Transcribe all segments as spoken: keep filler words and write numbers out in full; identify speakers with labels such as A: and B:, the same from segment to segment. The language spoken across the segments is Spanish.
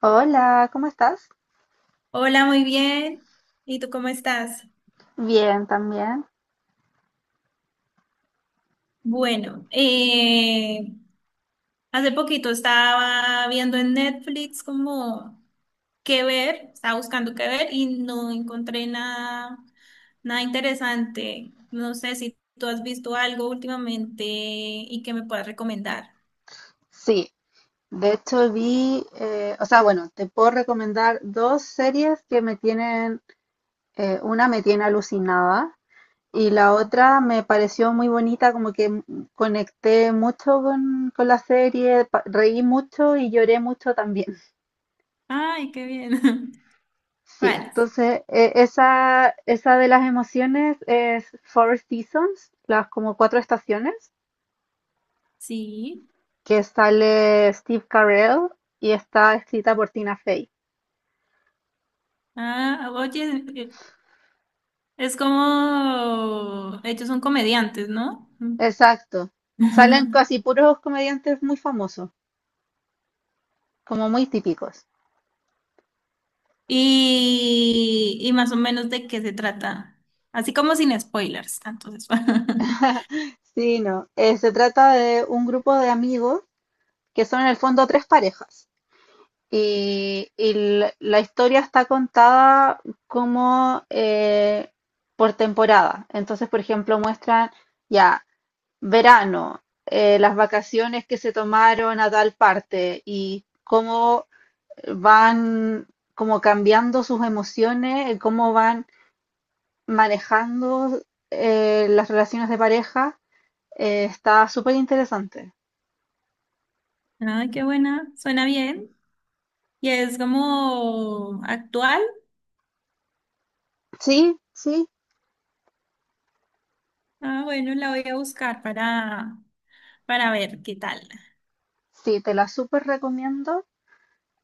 A: Hola, ¿cómo estás?
B: Hola, muy bien. ¿Y tú cómo estás?
A: Bien, también.
B: Bueno, eh, Hace poquito estaba viendo en Netflix como qué ver, estaba buscando qué ver y no encontré nada, nada interesante. No sé si tú has visto algo últimamente y que me puedas recomendar.
A: Sí, de hecho vi, eh, o sea, bueno, te puedo recomendar dos series que me tienen, eh, una me tiene alucinada y la otra me pareció muy bonita, como que m- conecté mucho con, con la serie, pa- reí mucho y lloré mucho también.
B: Ay, qué bien.
A: Sí,
B: Vale.
A: entonces eh, esa, esa de las emociones es Four Seasons, las como cuatro estaciones,
B: Sí.
A: que sale Steve Carell y está escrita por Tina Fey.
B: Ah, oye, es como, ellos son comediantes, ¿no?
A: Exacto. Salen casi puros comediantes muy famosos, como muy típicos.
B: Y, y más o menos de qué se trata. Así como sin spoilers. Entonces,
A: Sí, no. Eh, se trata de un grupo de amigos que son en el fondo tres parejas. Y, y la, la historia está contada como eh, por temporada. Entonces, por ejemplo, muestran ya verano, eh, las vacaciones que se tomaron a tal parte y cómo van como cambiando sus emociones, cómo van manejando eh, las relaciones de pareja. Eh, está súper interesante.
B: ay, qué buena. Suena bien. Y es como actual.
A: Sí, sí,
B: Ah, bueno, la voy a buscar para, para ver qué tal.
A: sí, te la súper recomiendo.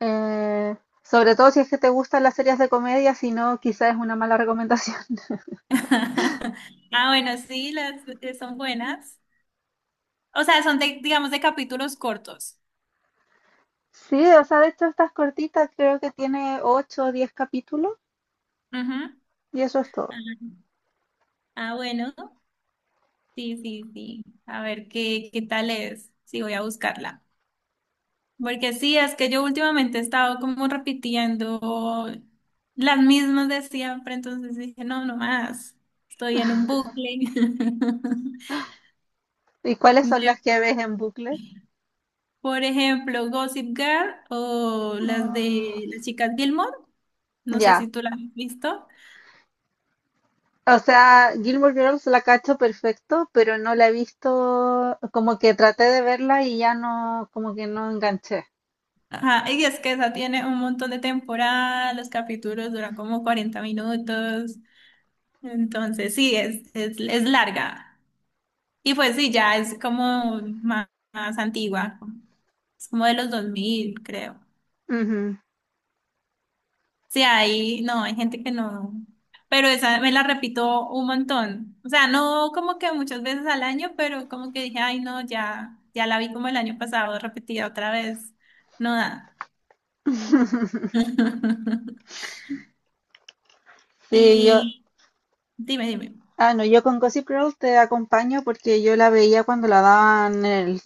A: Eh, Sobre todo si es que te gustan las series de comedia, si no, quizás es una mala recomendación.
B: Ah, bueno, sí, las eh, son buenas. O sea, son de, digamos, de capítulos cortos.
A: Sí, o sea, de hecho estas cortitas creo que tiene ocho o diez capítulos
B: Ujú.
A: y eso es todo.
B: Ah, ah, bueno. Sí, sí, sí. A ver qué, qué tal es. Sí, voy a buscarla. Porque sí, es que yo últimamente he estado como repitiendo las mismas de siempre, entonces dije, no, no más, estoy en un bucle.
A: ¿Y cuáles son
B: Mira,
A: las que ves en bucle?
B: por ejemplo, Gossip Girl o las
A: Mm,
B: de las chicas Gilmore, no sé si
A: ya.
B: tú las has visto.
A: O sea, Gilmore Girls la cacho perfecto, pero no la he visto, como que traté de verla y ya no, como que no enganché.
B: Ajá, y es que esa tiene un montón de temporadas, los capítulos duran como cuarenta minutos, entonces sí, es, es, es larga. Y pues sí, ya es como más más antigua. Es como de los dos mil creo.
A: Ujú.
B: Sí, ahí no, hay gente que no. Pero esa me la repito un montón. O sea, no como que muchas veces al año, pero como que dije, ay, no, ya, ya la vi como el año pasado, repetida otra vez. No da.
A: Sí, yo,
B: Y dime, dime.
A: ah, no, yo con Gossip Girl te acompaño porque yo la veía cuando la daban en el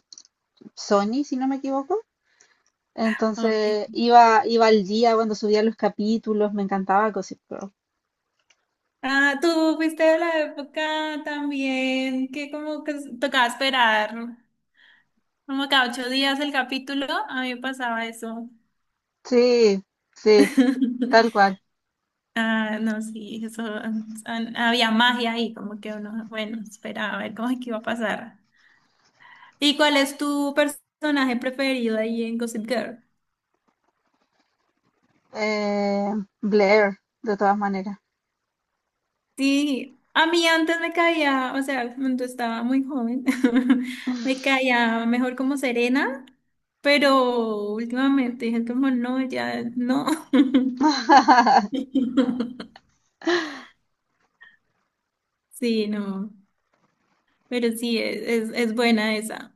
A: Sony, si no me equivoco.
B: Okay.
A: Entonces iba, iba al día cuando subía los capítulos, me encantaba Gossip Girl.
B: Ah, tú fuiste de la época también que como que tocaba esperar como cada ocho días el capítulo. A mí me pasaba eso.
A: Sí, sí, tal cual.
B: Ah, no, sí, eso, an- había magia ahí, como que uno, bueno, esperaba a ver cómo es que iba a pasar. ¿Y cuál es tu personaje preferido ahí en Gossip Girl?
A: Eh, Blair, de todas maneras.
B: Sí, a mí antes me caía, o sea, cuando estaba muy joven, me caía mejor como Serena, pero últimamente dije como no, ya no. Sí, no, pero sí, es, es, es buena esa.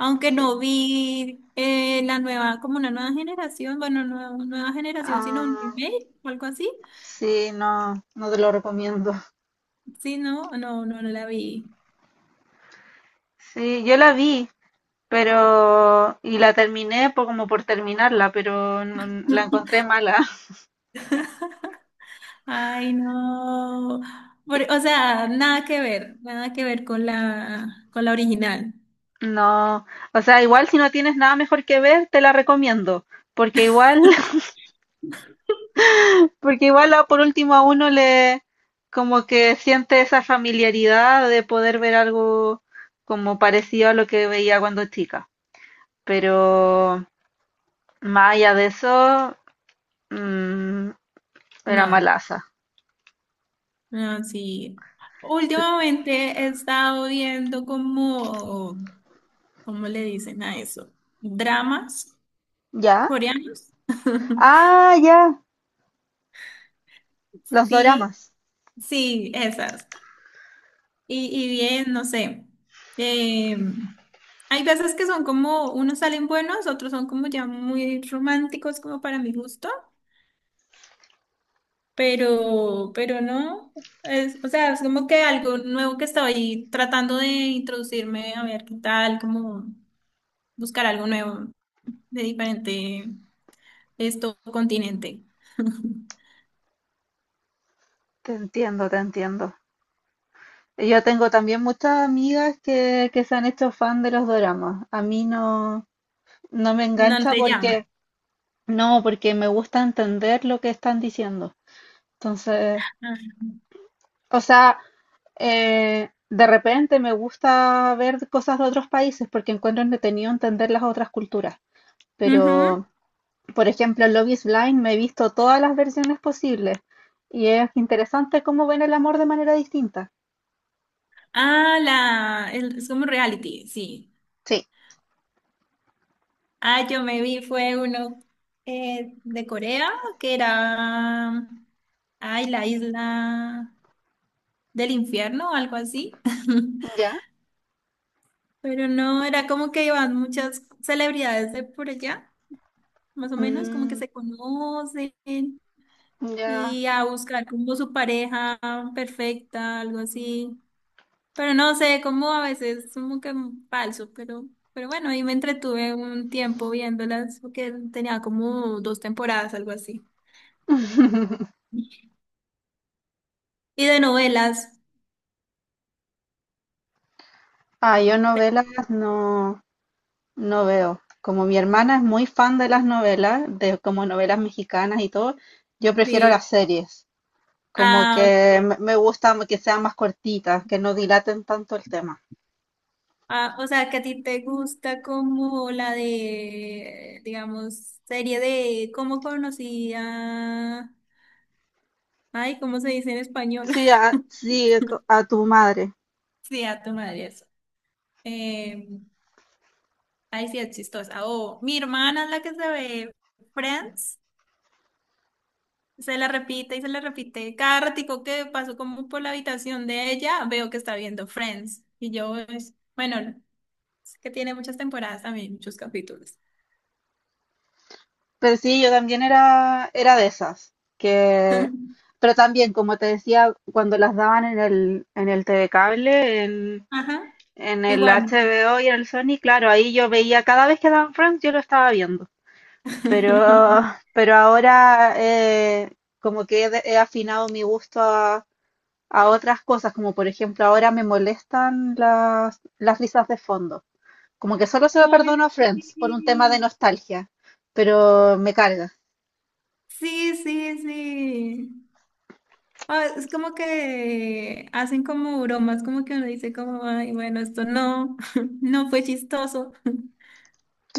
B: Aunque no vi eh, la nueva, como una nueva generación, bueno, no nueva generación, sino un
A: Ah,
B: remake o algo así.
A: sí, no, no te lo recomiendo.
B: Sí, no, no, no, no la vi.
A: Sí, yo la vi, pero y la terminé por, como por terminarla, pero no- la encontré mala.
B: Ay, no. Por- o sea, nada que ver, nada que ver con la, con la original.
A: No, o sea, igual si no tienes nada mejor que ver, te la recomiendo, porque igual, porque igual a- por último a uno le como que siente esa familiaridad de poder ver algo como parecido a lo que veía cuando chica, pero más allá de eso, mm, era
B: No,
A: malaza.
B: no, sí. Últimamente he estado viendo como, ¿cómo le dicen a eso? Dramas
A: ¿Ya?
B: coreanos.
A: Ah, ya, los
B: Sí,
A: doramas.
B: sí, esas. Y, y bien, no sé. eh, Hay veces que son como, unos salen buenos, otros son como ya muy románticos como para mi gusto, pero, pero no. Es, o sea, es como que algo nuevo que estoy tratando de introducirme, a ver qué tal, como buscar algo nuevo de diferente esto continente.
A: Te entiendo, te entiendo. Yo tengo también muchas amigas que, que se han hecho fan de los doramas. A mí no, no me
B: No
A: engancha
B: te llama.
A: porque, no, porque me gusta entender lo que están diciendo. Entonces,
B: Ah,
A: o sea, eh, de repente me gusta ver cosas de otros países porque encuentro entretenido entender las otras culturas.
B: ujú.
A: Pero, por ejemplo, en Love is Blind me he visto todas las versiones posibles y es interesante cómo ven el amor de manera distinta.
B: Ah, la, el- es como reality, sí.
A: Sí.
B: Ah, yo me vi, fue uno eh, de Corea, que era, ay, la isla del infierno o algo así.
A: Ya.
B: Pero no, era como que iban muchas celebridades de por allá, más o menos, como que
A: Mm,
B: se conocen
A: ya.
B: y a buscar como su pareja perfecta, algo así. Pero no sé, como a veces como que falso, pero, pero bueno, ahí me entretuve un tiempo viéndolas, porque tenía como dos temporadas, algo así. Y de novelas.
A: Ah, yo novelas no, no veo. Como mi hermana es muy fan de las novelas, de como novelas mexicanas y todo, yo prefiero las
B: Sí.
A: series. Como
B: Ah,
A: que
B: ok.
A: me me gusta que sean más cortitas, que no dilaten tanto el tema.
B: Ah, o sea, que a ti te gusta como la de, digamos, serie de cómo conocía. Ay, ¿cómo se dice en español?
A: Sí, a, sí, co- a tu madre.
B: Sí, a tu madre eso. Eh, Ay, sí, es chistosa. O mi hermana es la que se ve Friends. Se la repite y se la repite. Cada ratico que paso como por la habitación de ella, veo que está viendo Friends. Y yo, es- bueno, es que tiene muchas temporadas también, muchos capítulos.
A: Pero sí, yo también era, era de esas, que, pero también, como te decía, cuando las daban en el, en el T TV Cable, en,
B: Ajá,
A: en
B: en
A: el
B: Warner.
A: H B O y en el Sony, claro, ahí yo veía, cada vez que daban Friends yo lo estaba viendo, pero, pero ahora eh, como que he, de- he afinado mi gusto a, a otras cosas, como por ejemplo ahora me molestan las, las risas de fondo, como que solo se lo
B: Ay,
A: perdono a Friends por un tema de nostalgia, pero me carga.
B: sí, sí, sí. Sí. Ah, es como que hacen como bromas, como que uno dice como, ay, bueno, esto no, no fue chistoso.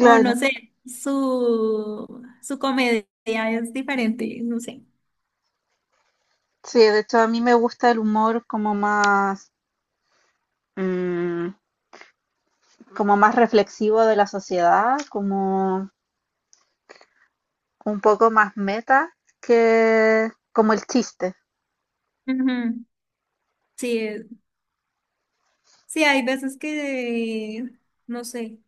B: O no sé, su, su comedia es diferente, no sé.
A: Sí, de hecho a mí me gusta el humor como más, mm, como más reflexivo de la sociedad, como un poco más meta que como el chiste.
B: Ujú. Sí, es- sí, hay veces que, no sé,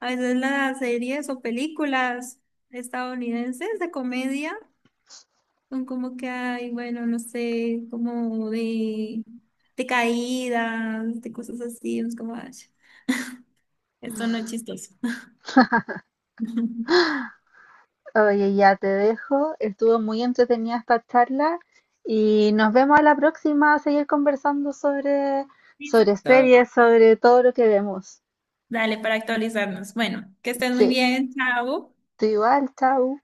B: a veces las series o películas estadounidenses de comedia. Son como que hay, bueno, no sé, como de, de caídas, de cosas así. Es como, ay, esto no es chistoso.
A: Oye, ya te dejo. Estuvo muy entretenida esta charla y nos vemos a la próxima a seguir conversando sobre, sobre
B: So,
A: series, sobre todo lo que vemos.
B: Dale, para actualizarnos. Bueno, que estén muy
A: Sí,
B: bien. Chao.
A: tú igual, chao.